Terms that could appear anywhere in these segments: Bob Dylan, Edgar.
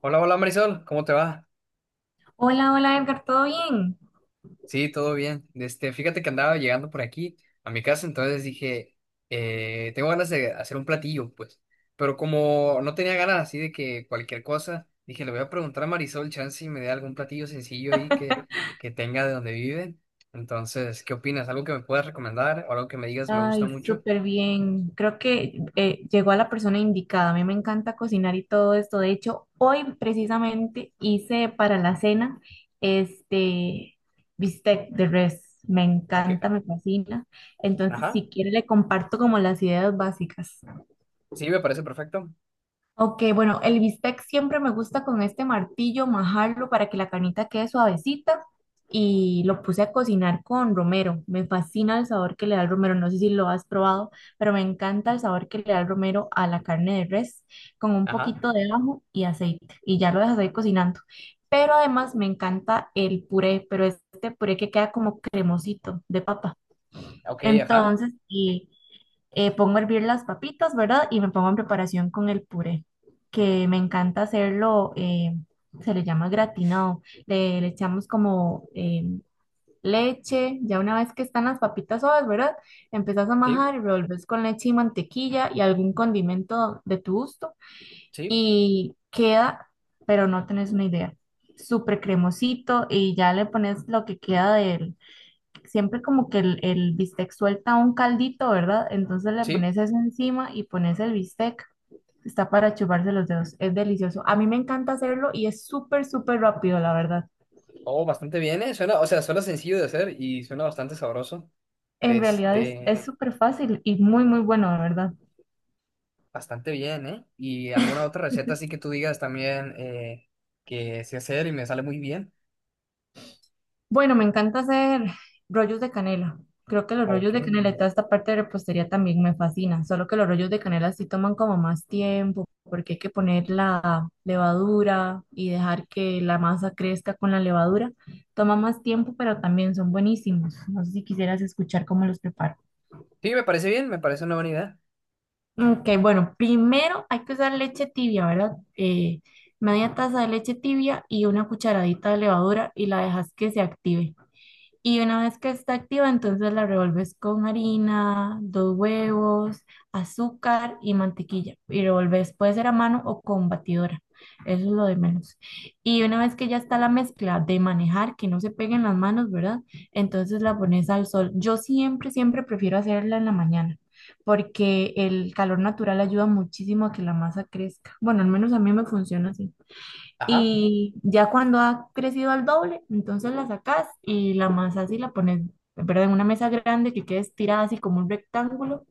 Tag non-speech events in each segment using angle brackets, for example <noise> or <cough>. Hola, hola Marisol, ¿cómo te va? Hola, hola Edgar, ¿todo bien? Sí, todo bien. Fíjate que andaba llegando por aquí a mi casa, entonces dije, tengo ganas de hacer un platillo, pues. Pero como no tenía ganas así de que cualquier cosa, dije, le voy a preguntar a Marisol, chance si me dé algún platillo sencillo ahí que tenga de donde viven. Entonces, ¿qué opinas? ¿Algo que me puedas recomendar o algo que me digas me Ay, gusta mucho? súper bien. Creo que llegó a la persona indicada. A mí me encanta cocinar y todo esto. De hecho, hoy precisamente hice para la cena este bistec de res. Me Ok, encanta, me fascina. Entonces, ajá, si quiere, le comparto como las ideas básicas. sí, me parece perfecto. Ok, bueno, el bistec siempre me gusta con este martillo majarlo para que la carnita quede suavecita y lo puse a cocinar con romero. Me fascina el sabor que le da el romero, no sé si lo has probado, pero me encanta el sabor que le da el romero a la carne de res con un Ajá, poquito de ajo y aceite y ya lo dejas ahí cocinando. Pero además me encanta el puré, pero este puré que queda como cremosito de papa. ok, ajá, Entonces, y pongo a hervir las papitas, ¿verdad? Y me pongo en preparación con el puré, que me encanta hacerlo, se le llama gratinado. Le echamos como leche, ya una vez que están las papitas suaves, ¿verdad? Empezás a sí, majar y revolves con leche y mantequilla y algún condimento de tu gusto sí, y queda, pero no tenés una idea. Súper cremosito y ya le pones lo que queda del siempre como que el bistec suelta un caldito, ¿verdad? Entonces le sí. pones eso encima y pones el bistec. Está para chuparse los dedos. Es delicioso. A mí me encanta hacerlo y es súper, súper rápido, la verdad. Oh, bastante bien, ¿eh? Suena, o sea, suena sencillo de hacer y suena bastante sabroso. En realidad Este, es súper fácil y muy, muy bueno, la verdad. Bastante bien, ¿eh? ¿Y alguna otra receta así que tú digas también que sé hacer y me sale muy bien? Bueno, me encanta hacer rollos de canela. Creo que los Ok. rollos de canela y Sí, toda esta parte de repostería también me fascina, solo que los rollos de canela sí toman como más tiempo, porque hay que poner la levadura y dejar que la masa crezca con la levadura. Toma más tiempo, pero también son buenísimos. No sé si quisieras escuchar cómo los preparo. me parece bien, me parece una buena idea. Ok, bueno, primero hay que usar leche tibia, ¿verdad? Media taza de leche tibia y una cucharadita de levadura y la dejas que se active. Y una vez que está activa, entonces la revuelves con harina, dos huevos, azúcar y mantequilla. Y revuelves, puede ser a mano o con batidora. Eso es lo de menos. Y una vez que ya está la mezcla de manejar, que no se peguen las manos, ¿verdad? Entonces la pones al sol. Yo siempre, siempre prefiero hacerla en la mañana, porque el calor natural ayuda muchísimo a que la masa crezca. Bueno, al menos a mí me funciona así. Ajá, Y ya cuando ha crecido al doble, entonces la sacas y la amasas y la pones, pero en una mesa grande que quede estirada así como un rectángulo.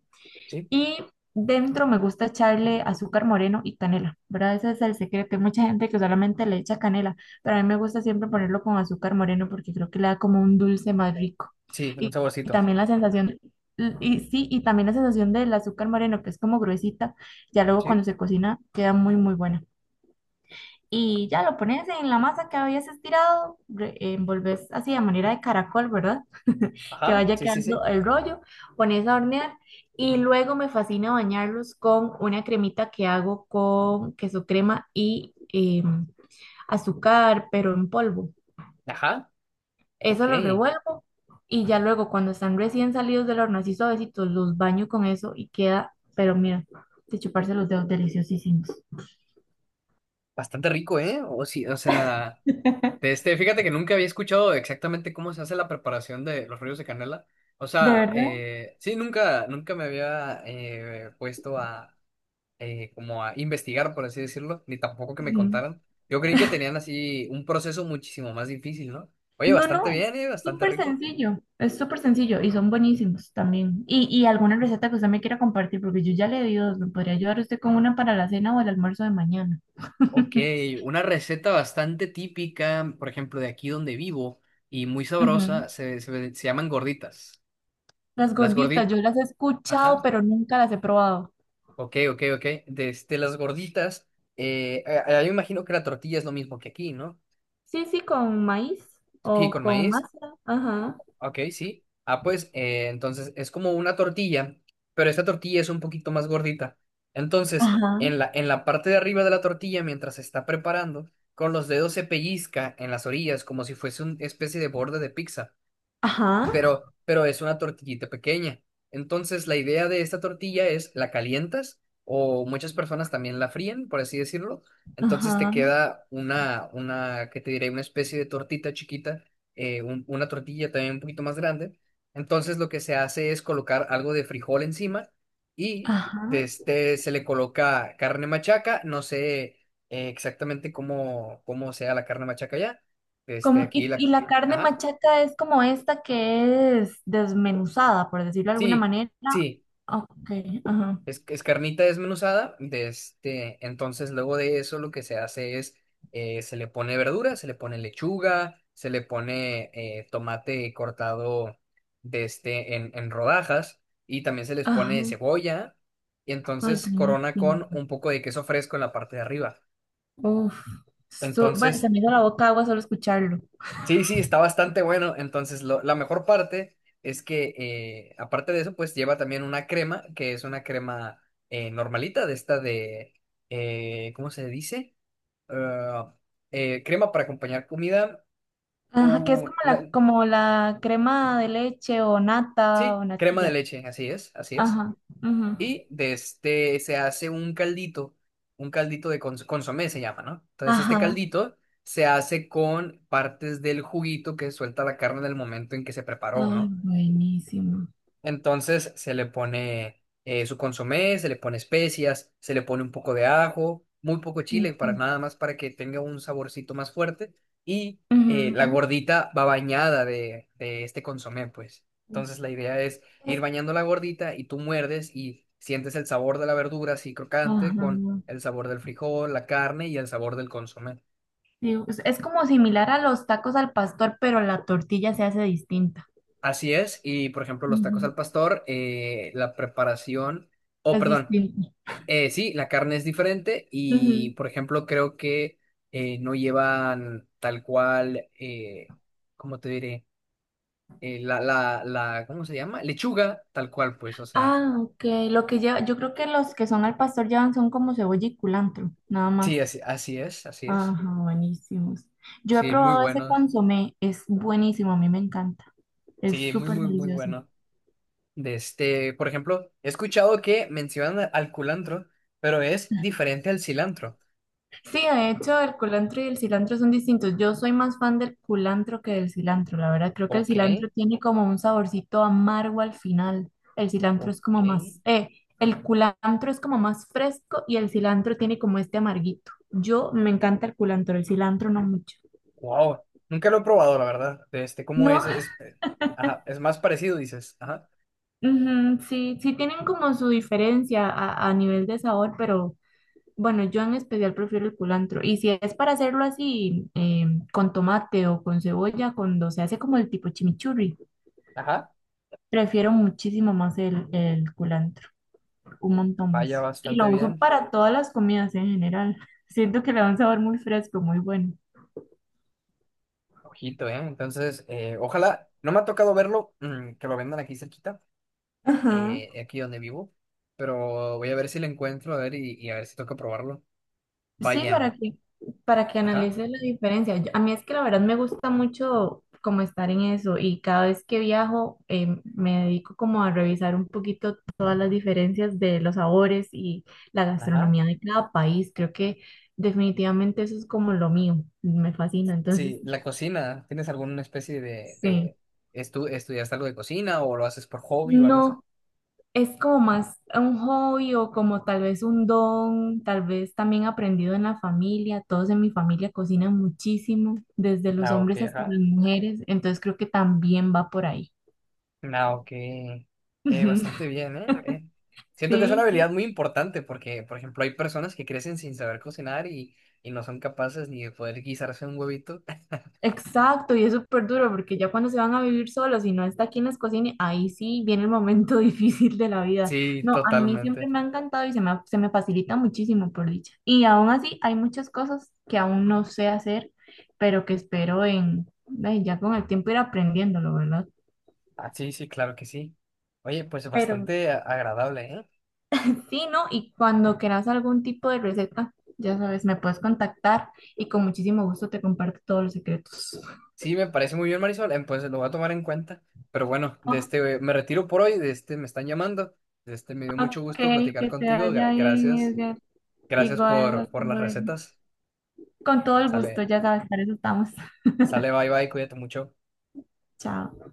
sí. Y dentro me gusta echarle azúcar moreno y canela, ¿verdad? Ese es el secreto. Hay mucha gente que solamente le echa canela, pero a mí me gusta siempre ponerlo con azúcar moreno porque creo que le da como un dulce más rico. Sí, un Y, y saborcito. también la sensación, y sí, y también la sensación del azúcar moreno, que es como gruesita, ya luego cuando Sí. se cocina queda muy, muy buena y ya lo pones en la masa que habías estirado, envolves así de manera de caracol, ¿verdad? <laughs> Que Ajá, vaya sí, sí, quedando sí. el rollo, pones a hornear y luego me fascina bañarlos con una cremita que hago con queso crema y azúcar, pero en polvo. Ajá, ok. Eso lo revuelvo y ya luego cuando están recién salidos del horno, así suavecitos, los baño con eso y queda, pero mira, de chuparse los dedos deliciosísimos. Bastante rico, ¿eh? O sí, o sea. De <laughs> este, fíjate que nunca había escuchado exactamente cómo se hace la preparación de los rollos de canela. O ¿De sea, verdad? Sí, nunca me había puesto a como a investigar, por así decirlo, ni tampoco que me Ujú. contaran. Yo creí que tenían así un proceso muchísimo más difícil, ¿no? Oye, No, bastante no, bien, bastante rico. Es súper sencillo y son buenísimos también. Y alguna receta que usted me quiera compartir, porque yo ya le di dos, me podría ayudar usted con una para la cena o el almuerzo de mañana. Ok, <laughs> una receta bastante típica, por ejemplo, de aquí donde vivo y muy Ujú. sabrosa, se llaman gorditas. Las Las gorditas, gorditas, yo las he escuchado, ajá. pero nunca las he probado. Ok, ok, ok. Desde las gorditas, yo imagino que la tortilla es lo mismo que aquí, ¿no? Sí, sí, con maíz Aquí o con con maíz, masa. Ajá, ok, sí. Ah, pues, entonces es como una tortilla, pero esta tortilla es un poquito más gordita. Entonces, ajá, en la parte de arriba de la tortilla, mientras se está preparando, con los dedos se pellizca en las orillas como si fuese una especie de borde de pizza. ajá, Pero es una tortillita pequeña. Entonces, la idea de esta tortilla es la calientas o muchas personas también la fríen, por así decirlo. Entonces te ajá, queda una, ¿qué te diré? Una especie de tortita chiquita, una tortilla también un poquito más grande. Entonces lo que se hace es colocar algo de frijol encima y de ajá. este, se le coloca carne machaca. No sé exactamente cómo sea la carne machaca ya. Este, aquí Y la... la carne Ajá. machaca es como esta que es desmenuzada, por decirlo de alguna Sí, manera. sí. Ok, ajá. Es carnita desmenuzada, de este, entonces luego de eso lo que se hace es, se le pone verdura, se le pone lechuga, se le pone tomate cortado de este, en rodajas y también se les pone Ajá. cebolla y Ay, entonces corona buenísimo. con un poco de queso fresco en la parte de arriba. Uf. Bueno, se Entonces me hizo la boca agua solo escucharlo. sí, sí, está bastante bueno. Entonces, la mejor parte es que, aparte de eso, pues lleva también una crema, que es una crema normalita, de esta de, ¿cómo se dice? Ah, crema para acompañar comida. Ajá, que es u- la- como la crema de leche o nata sí, o crema de natilla. leche, así es, así es. Ajá. Ujú. Y de este se hace un caldito de consomé se llama, ¿no? Entonces, este Ajá. caldito se hace con partes del juguito que suelta la carne en el momento en que se preparó, Ay, ¿no? buenísimo. Entonces se le pone su consomé, se le pone especias, se le pone un poco de ajo, muy poco chile, para Ujú. nada más para que tenga un saborcito más fuerte. Y la Ujú. gordita va bañada de este consomé, pues. Entonces la idea es ir Es- bañando la gordita y tú muerdes y sientes el sabor de la verdura así crocante Ajá. con el sabor del frijol, la carne y el sabor del consomé. Sí, es como similar a los tacos al pastor, pero la tortilla se hace distinta. Así es, y por ejemplo, los tacos Ujú. al pastor, la preparación, o Es perdón, distinta. Sí, la carne es diferente y Ujú. por ejemplo, creo que no llevan tal cual, ¿cómo te diré? La, ¿cómo se llama? Lechuga, tal cual, pues, o sea, Ah, ok. Lo que lleva, yo creo que los que son al pastor llevan son como cebolla y culantro, nada más. sí, así, así es, así es. Ajá, buenísimos. Yo he Sí, muy probado ese buenos, consomé, es buenísimo, a mí me encanta. Es sí, muy, súper muy, muy delicioso. bueno. De este, por ejemplo, he escuchado que mencionan al culantro, pero es diferente al cilantro. Sí, de hecho, el culantro y el cilantro son distintos. Yo soy más fan del culantro que del cilantro, la verdad. Creo que el Ok. cilantro tiene como un saborcito amargo al final. El cilantro Ok. es como más, el culantro es como más fresco y el cilantro tiene como este amarguito. Yo me encanta el culantro, el cilantro no mucho. Wow. Nunca lo he probado, la verdad. De este, ¿cómo es? No, Es, ajá, es más parecido, dices. Ajá. ujú, sí, sí tienen como su diferencia a nivel de sabor, pero bueno, yo en especial prefiero el culantro. Y si es para hacerlo así, con tomate o con cebolla, cuando se hace como el tipo chimichurri, Ajá. prefiero muchísimo más el culantro, un montón más. Vaya Y bastante lo uso bien. para todas las comidas en general. Siento que le da un sabor muy fresco, muy bueno. Ojito, ¿eh? Entonces, ojalá. No me ha tocado verlo, que lo vendan aquí cerquita, Ajá. Aquí donde vivo. Pero voy a ver si lo encuentro, a ver, y a ver si toca probarlo. Sí, Vaya. Para que Ajá. analices la diferencia. A mí es que la verdad me gusta mucho como estar en eso y cada vez que viajo me dedico como a revisar un poquito todas las diferencias de los sabores y la Ajá. gastronomía de cada país. Creo que definitivamente eso es como lo mío, me fascina. Entonces, Sí, la cocina. ¿Tienes alguna especie sí. de estudiaste algo de cocina o lo haces por hobby o algo así? No, es como más un hobby o como tal vez un don, tal vez también aprendido en la familia. Todos en mi familia cocinan muchísimo, desde los Ah, ok, hombres hasta ajá. las mujeres, entonces creo que también va por ahí. Ah, ok. Bastante <laughs> bien, ¿eh? Siento que es una Sí, habilidad sí. muy importante porque, por ejemplo, hay personas que crecen sin saber cocinar y no son capaces ni de poder guisarse un huevito. <laughs> Exacto, y es súper duro porque ya cuando se van a vivir solos y no está aquí en les cocine, ahí sí viene el momento <laughs> difícil de la vida. Sí, No, a mí siempre totalmente. me ha encantado y se me facilita muchísimo por dicha. Y aún así hay muchas cosas que aún no sé hacer, pero que ay, ya con el tiempo ir aprendiéndolo, ¿verdad? Ah, sí, sí, claro que sí. Oye, pues Pero bastante agradable, ¿eh? sí, ¿no? Y cuando quieras algún tipo de receta, ya sabes, me puedes contactar y con muchísimo gusto te comparto todos los secretos. Sí, me parece muy bien, Marisol. Pues lo voy a tomar en cuenta. Pero bueno, de Oh, este me retiro por hoy, de este me están llamando. De este me dio mucho ok, gusto platicar que te contigo. vaya bien, Gracias. Edgar. Gracias Igual, hasta por las luego. recetas. Con todo el gusto, Sale, ya sabes, para eso estamos. <laughs> sale, bye bye, cuídate mucho. Chao.